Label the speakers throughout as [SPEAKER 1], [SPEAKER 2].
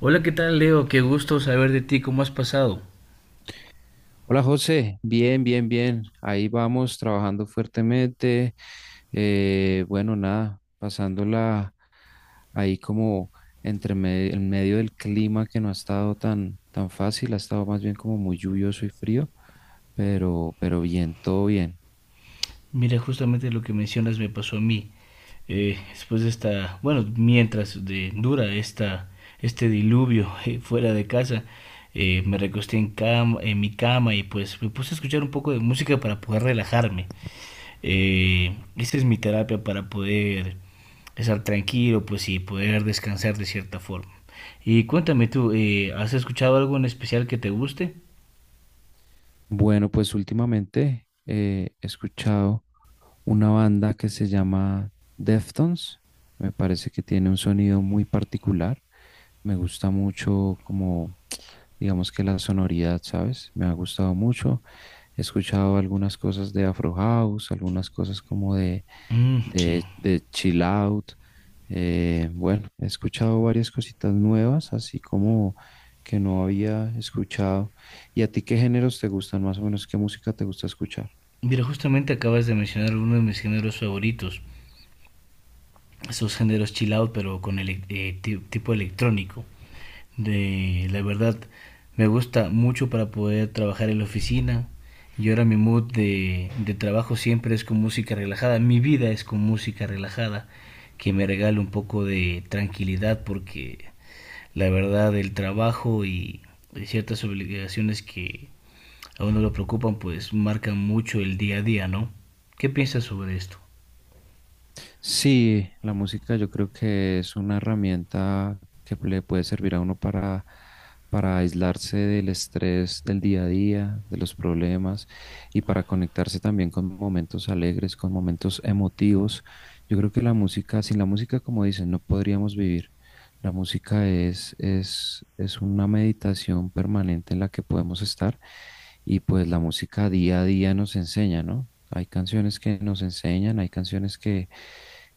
[SPEAKER 1] Hola, ¿qué tal, Leo? Qué gusto saber de ti. ¿Cómo has pasado?
[SPEAKER 2] Hola José, bien, bien, bien. Ahí vamos trabajando fuertemente. Bueno, nada, pasándola ahí como en medio del clima que no ha estado tan, tan fácil, ha estado más bien como muy lluvioso y frío, pero bien, todo bien.
[SPEAKER 1] Mira, justamente lo que mencionas me pasó a mí. Después de esta, bueno, dura esta, este diluvio fuera de casa, me recosté en cama, en mi cama, y pues me puse a escuchar un poco de música para poder relajarme. Esa es mi terapia para poder estar tranquilo, pues, y poder descansar de cierta forma. Y cuéntame tú, ¿has escuchado algo en especial que te guste?
[SPEAKER 2] Bueno, pues últimamente he escuchado una banda que se llama Deftones. Me parece que tiene un sonido muy particular. Me gusta mucho como digamos que la sonoridad, ¿sabes? Me ha gustado mucho. He escuchado algunas cosas de Afro House, algunas cosas como
[SPEAKER 1] Mm, sí.
[SPEAKER 2] de Chill Out. Bueno, he escuchado varias cositas nuevas, así como que no había escuchado. ¿Y a ti qué géneros te gustan más o menos? ¿Qué música te gusta escuchar?
[SPEAKER 1] Mira, justamente acabas de mencionar uno de mis géneros favoritos, esos géneros chill out, pero con el tipo electrónico. De la verdad, me gusta mucho para poder trabajar en la oficina. Y ahora mi mood de trabajo siempre es con música relajada. Mi vida es con música relajada, que me regala un poco de tranquilidad, porque la verdad, el trabajo y ciertas obligaciones que a uno lo preocupan, pues marcan mucho el día a día, ¿no? ¿Qué piensas sobre esto?
[SPEAKER 2] Sí, la música yo creo que es una herramienta que le puede servir a uno para aislarse del estrés del día a día, de los problemas y para conectarse también con momentos alegres, con momentos emotivos. Yo creo que la música, sin la música, como dicen, no podríamos vivir. La música es una meditación permanente en la que podemos estar y pues la música día a día nos enseña, ¿no? Hay canciones que nos enseñan, hay canciones que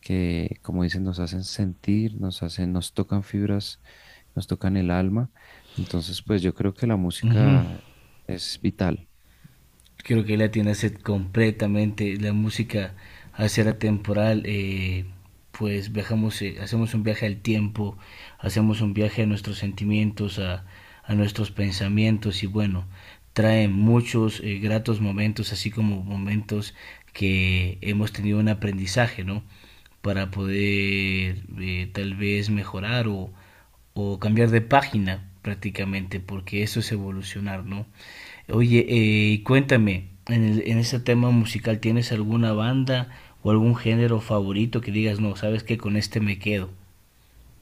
[SPEAKER 2] que, como dicen, nos hacen sentir, nos hacen, nos tocan fibras, nos tocan el alma. Entonces, pues yo creo que la música es vital.
[SPEAKER 1] Creo que la tiene a ser completamente la música al ser atemporal, pues viajamos, hacemos un viaje al tiempo, hacemos un viaje a nuestros sentimientos, a nuestros pensamientos, y bueno, trae muchos, gratos momentos, así como momentos que hemos tenido un aprendizaje, no, para poder, tal vez mejorar o cambiar de página, prácticamente, porque eso es evolucionar, no. Oye, y cuéntame, en ese tema musical, ¿tienes alguna banda o algún género favorito que digas, no, sabes que con este me quedo?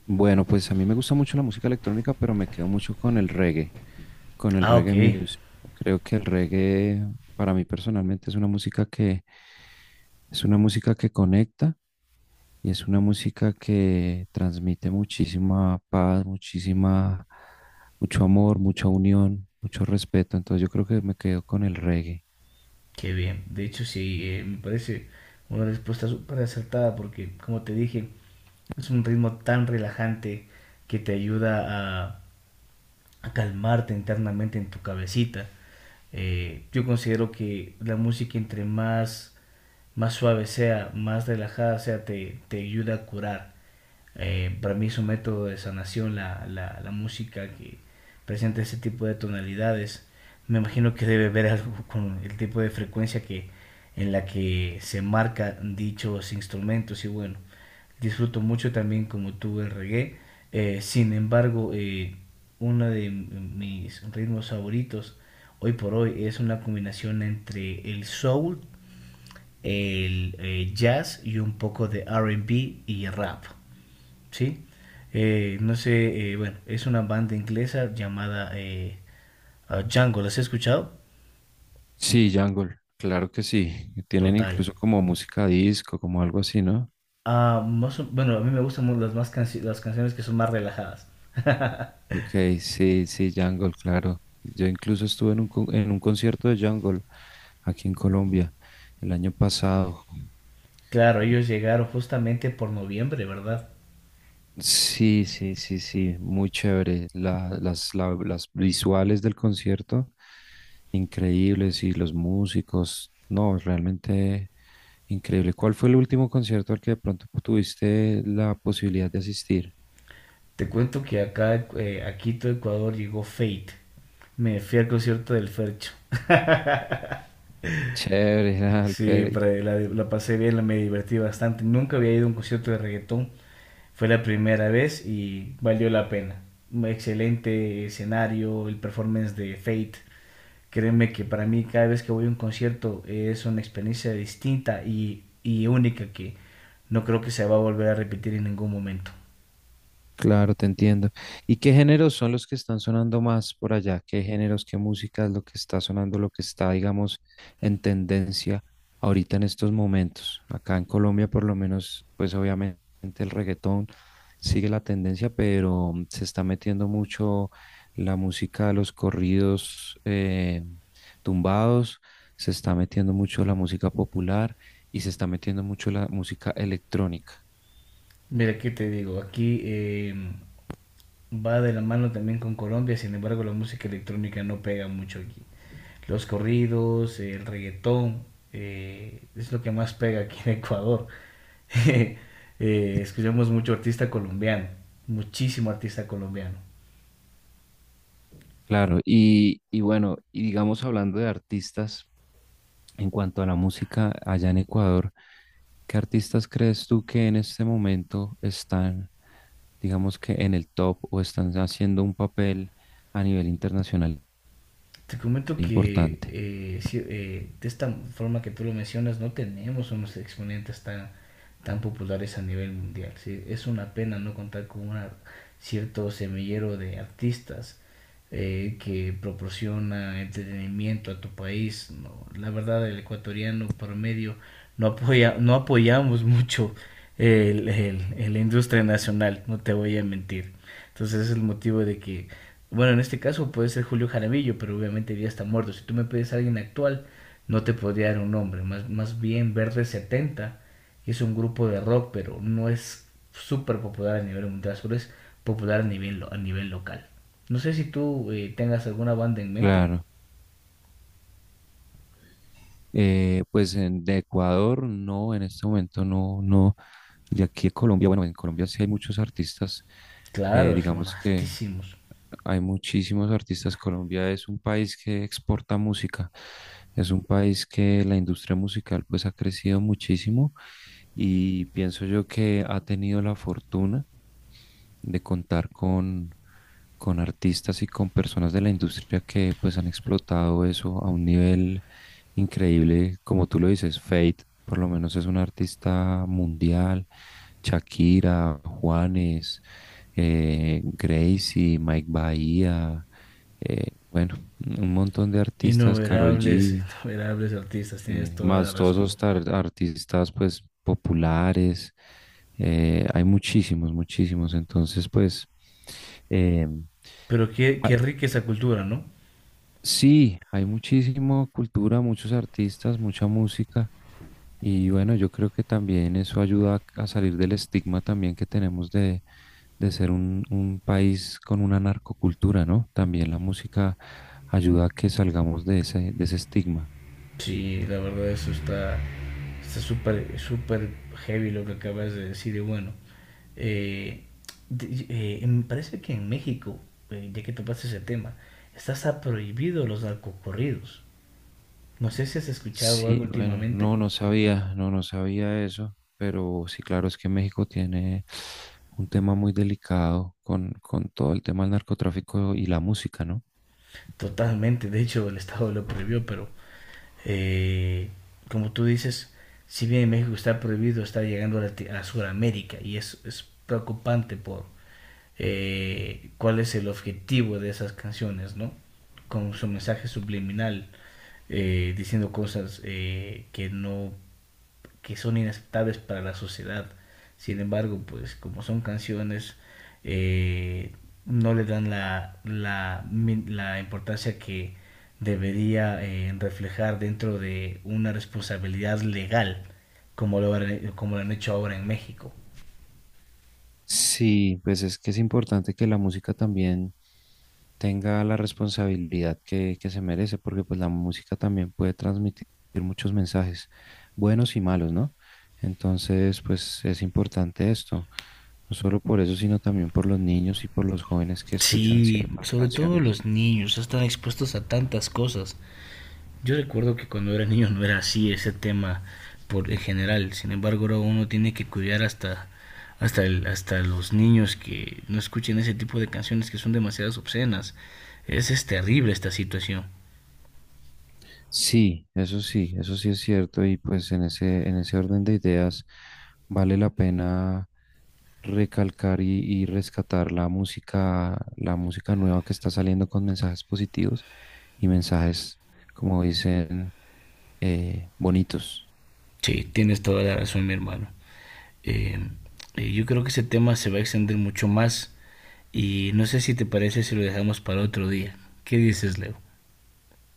[SPEAKER 2] Bueno, pues a mí me gusta mucho la música electrónica, pero me quedo mucho con el
[SPEAKER 1] Ah, ok,
[SPEAKER 2] reggae music. Creo que el reggae, para mí personalmente, es una música que es una música que conecta. Y es una música que transmite muchísima paz, muchísima, mucho amor, mucha unión, mucho respeto. Entonces yo creo que me quedo con el reggae.
[SPEAKER 1] qué bien. De hecho, sí, me parece una respuesta súper acertada porque, como te dije, es un ritmo tan relajante que te ayuda a calmarte internamente en tu cabecita. Yo considero que la música entre más más suave sea, más relajada sea, te ayuda a curar. Para mí es un método de sanación la música que presenta ese tipo de tonalidades. Me imagino que debe ver algo con el tipo de frecuencia en la que se marcan dichos instrumentos, y bueno, disfruto mucho también como tú el reggae. Sin embargo, uno de mis ritmos favoritos hoy por hoy es una combinación entre el soul, el jazz y un poco de RB y rap, ¿sí? No sé, Bueno, es una banda inglesa llamada Django, ¿las he escuchado?
[SPEAKER 2] Sí, Jungle, claro que sí. Tienen
[SPEAKER 1] Total.
[SPEAKER 2] incluso como música disco, como algo así, ¿no?
[SPEAKER 1] Bueno, a mí más las canciones que son más relajadas.
[SPEAKER 2] Ok, sí, sí, Jungle, claro. Yo incluso estuve en en un concierto de Jungle aquí en Colombia el año pasado.
[SPEAKER 1] Claro, ellos llegaron justamente por noviembre, ¿verdad?
[SPEAKER 2] Sí, sí, sí, sí, muy chévere. Las visuales del concierto, increíbles, y los músicos, no, realmente increíble. ¿Cuál fue el último concierto al que de pronto tuviste la posibilidad de asistir?
[SPEAKER 1] Te cuento que acá, a Quito, Ecuador, llegó Fate. Me fui al concierto del Fercho.
[SPEAKER 2] Chévere,
[SPEAKER 1] Sí,
[SPEAKER 2] Alfer.
[SPEAKER 1] pero la pasé bien, me divertí bastante. Nunca había ido a un concierto de reggaetón. Fue la primera vez y valió la pena. Un excelente escenario, el performance de Fate. Créeme que para mí cada vez que voy a un concierto es una experiencia distinta y única, que no creo que se va a volver a repetir en ningún momento.
[SPEAKER 2] Claro, te entiendo. ¿Y qué géneros son los que están sonando más por allá? ¿Qué géneros, qué música es lo que está sonando, lo que está, digamos, en tendencia ahorita en estos momentos? Acá en Colombia, por lo menos, pues obviamente el reggaetón sigue la tendencia, pero mm, se está metiendo mucho la música de los corridos tumbados, se está metiendo mucho la música popular y se está metiendo mucho la música electrónica.
[SPEAKER 1] Mira, ¿qué te digo? Aquí va de la mano también con Colombia, sin embargo la música electrónica no pega mucho aquí. Los corridos, el reggaetón, es lo que más pega aquí en Ecuador. eh, Escuchamos mucho artista colombiano, muchísimo artista colombiano.
[SPEAKER 2] Claro, y bueno, y digamos hablando de artistas, en cuanto a la música allá en Ecuador, ¿qué artistas crees tú que en este momento están, digamos que en el top o están haciendo un papel a nivel internacional
[SPEAKER 1] Te comento que,
[SPEAKER 2] importante?
[SPEAKER 1] sí, de esta forma que tú lo mencionas, no tenemos unos exponentes tan tan populares a nivel mundial. ¿Sí? Es una pena no contar con un cierto semillero de artistas, que proporciona entretenimiento a tu país. No, la verdad, el ecuatoriano promedio no apoya, no apoyamos mucho la industria nacional, no te voy a mentir. Entonces ese es el motivo de que, bueno, en este caso puede ser Julio Jaramillo, pero obviamente ya está muerto. Si tú me pides a alguien actual, no te podría dar un nombre. Más, más bien Verde 70 es un grupo de rock, pero no es súper popular a nivel mundial, solo es popular a nivel local. No sé si tú tengas alguna banda en mente.
[SPEAKER 2] Claro, pues de Ecuador no, en este momento no, no, de aquí de Colombia, bueno, en Colombia sí hay muchos artistas,
[SPEAKER 1] Claro, es lo
[SPEAKER 2] digamos que
[SPEAKER 1] altísimos.
[SPEAKER 2] hay muchísimos artistas. Colombia es un país que exporta música, es un país que la industria musical pues ha crecido muchísimo y pienso yo que ha tenido la fortuna de contar con artistas y con personas de la industria que pues han explotado eso a un nivel increíble, como tú lo dices. Fate por lo menos es un artista mundial, Shakira, Juanes, Gracie, Mike Bahía, eh, bueno, un montón de artistas, Karol
[SPEAKER 1] Innumerables,
[SPEAKER 2] G.
[SPEAKER 1] innumerables artistas, tienes
[SPEAKER 2] Sí,
[SPEAKER 1] toda la
[SPEAKER 2] más todos
[SPEAKER 1] razón.
[SPEAKER 2] esos artistas pues populares, hay muchísimos, muchísimos. Entonces, eh,
[SPEAKER 1] Pero qué,
[SPEAKER 2] ah,
[SPEAKER 1] qué rica esa cultura, ¿no?
[SPEAKER 2] sí, hay muchísima cultura, muchos artistas, mucha música. Y bueno, yo creo que también eso ayuda a salir del estigma también que tenemos de ser un país con una narcocultura, ¿no? También la música ayuda a que salgamos de ese estigma.
[SPEAKER 1] Sí, la verdad eso está está súper súper heavy lo que acabas de decir, y bueno, eh, me parece que en México, ya que topaste ese tema, está hasta prohibido los narcocorridos. No sé si has escuchado algo
[SPEAKER 2] Sí, bueno,
[SPEAKER 1] últimamente.
[SPEAKER 2] no, no sabía, no, no sabía eso, pero sí, claro, es que México tiene un tema muy delicado con todo el tema del narcotráfico y la música, ¿no?
[SPEAKER 1] Totalmente, de hecho el Estado lo prohibió, pero, eh, como tú dices, si bien en México está prohibido, está llegando a Sudamérica y es preocupante por, cuál es el objetivo de esas canciones, ¿no? Con su mensaje subliminal, diciendo cosas, que no que son inaceptables para la sociedad. Sin embargo, pues como son canciones, eh, no le dan la importancia que debería, reflejar dentro de una responsabilidad legal, como lo, como lo han hecho ahora en México.
[SPEAKER 2] Sí, pues es que es importante que la música también tenga la responsabilidad que se merece, porque pues la música también puede transmitir muchos mensajes, buenos y malos, ¿no? Entonces, pues es importante esto, no solo por eso, sino también por los niños y por los jóvenes que escuchan
[SPEAKER 1] Sí,
[SPEAKER 2] ciertas
[SPEAKER 1] sobre todo
[SPEAKER 2] canciones.
[SPEAKER 1] los niños están expuestos a tantas cosas. Yo recuerdo que cuando era niño no era así ese tema por en general. Sin embargo, ahora uno tiene que cuidar hasta hasta hasta los niños que no escuchen ese tipo de canciones que son demasiadas obscenas. Es terrible esta situación.
[SPEAKER 2] Sí, eso sí, eso sí es cierto y pues en ese orden de ideas vale la pena recalcar y rescatar la música nueva que está saliendo con mensajes positivos y mensajes, como dicen, bonitos.
[SPEAKER 1] Sí, tienes toda la razón, mi hermano. Eh, yo creo que ese tema se va a extender mucho más, y no sé si te parece si lo dejamos para otro día. ¿Qué dices, Leo?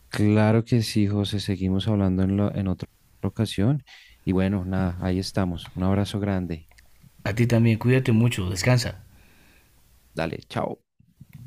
[SPEAKER 2] Claro que sí, José, seguimos hablando en, en otra ocasión y bueno, nada, ahí estamos. Un abrazo grande.
[SPEAKER 1] A ti también, cuídate mucho, descansa.
[SPEAKER 2] Dale, chao.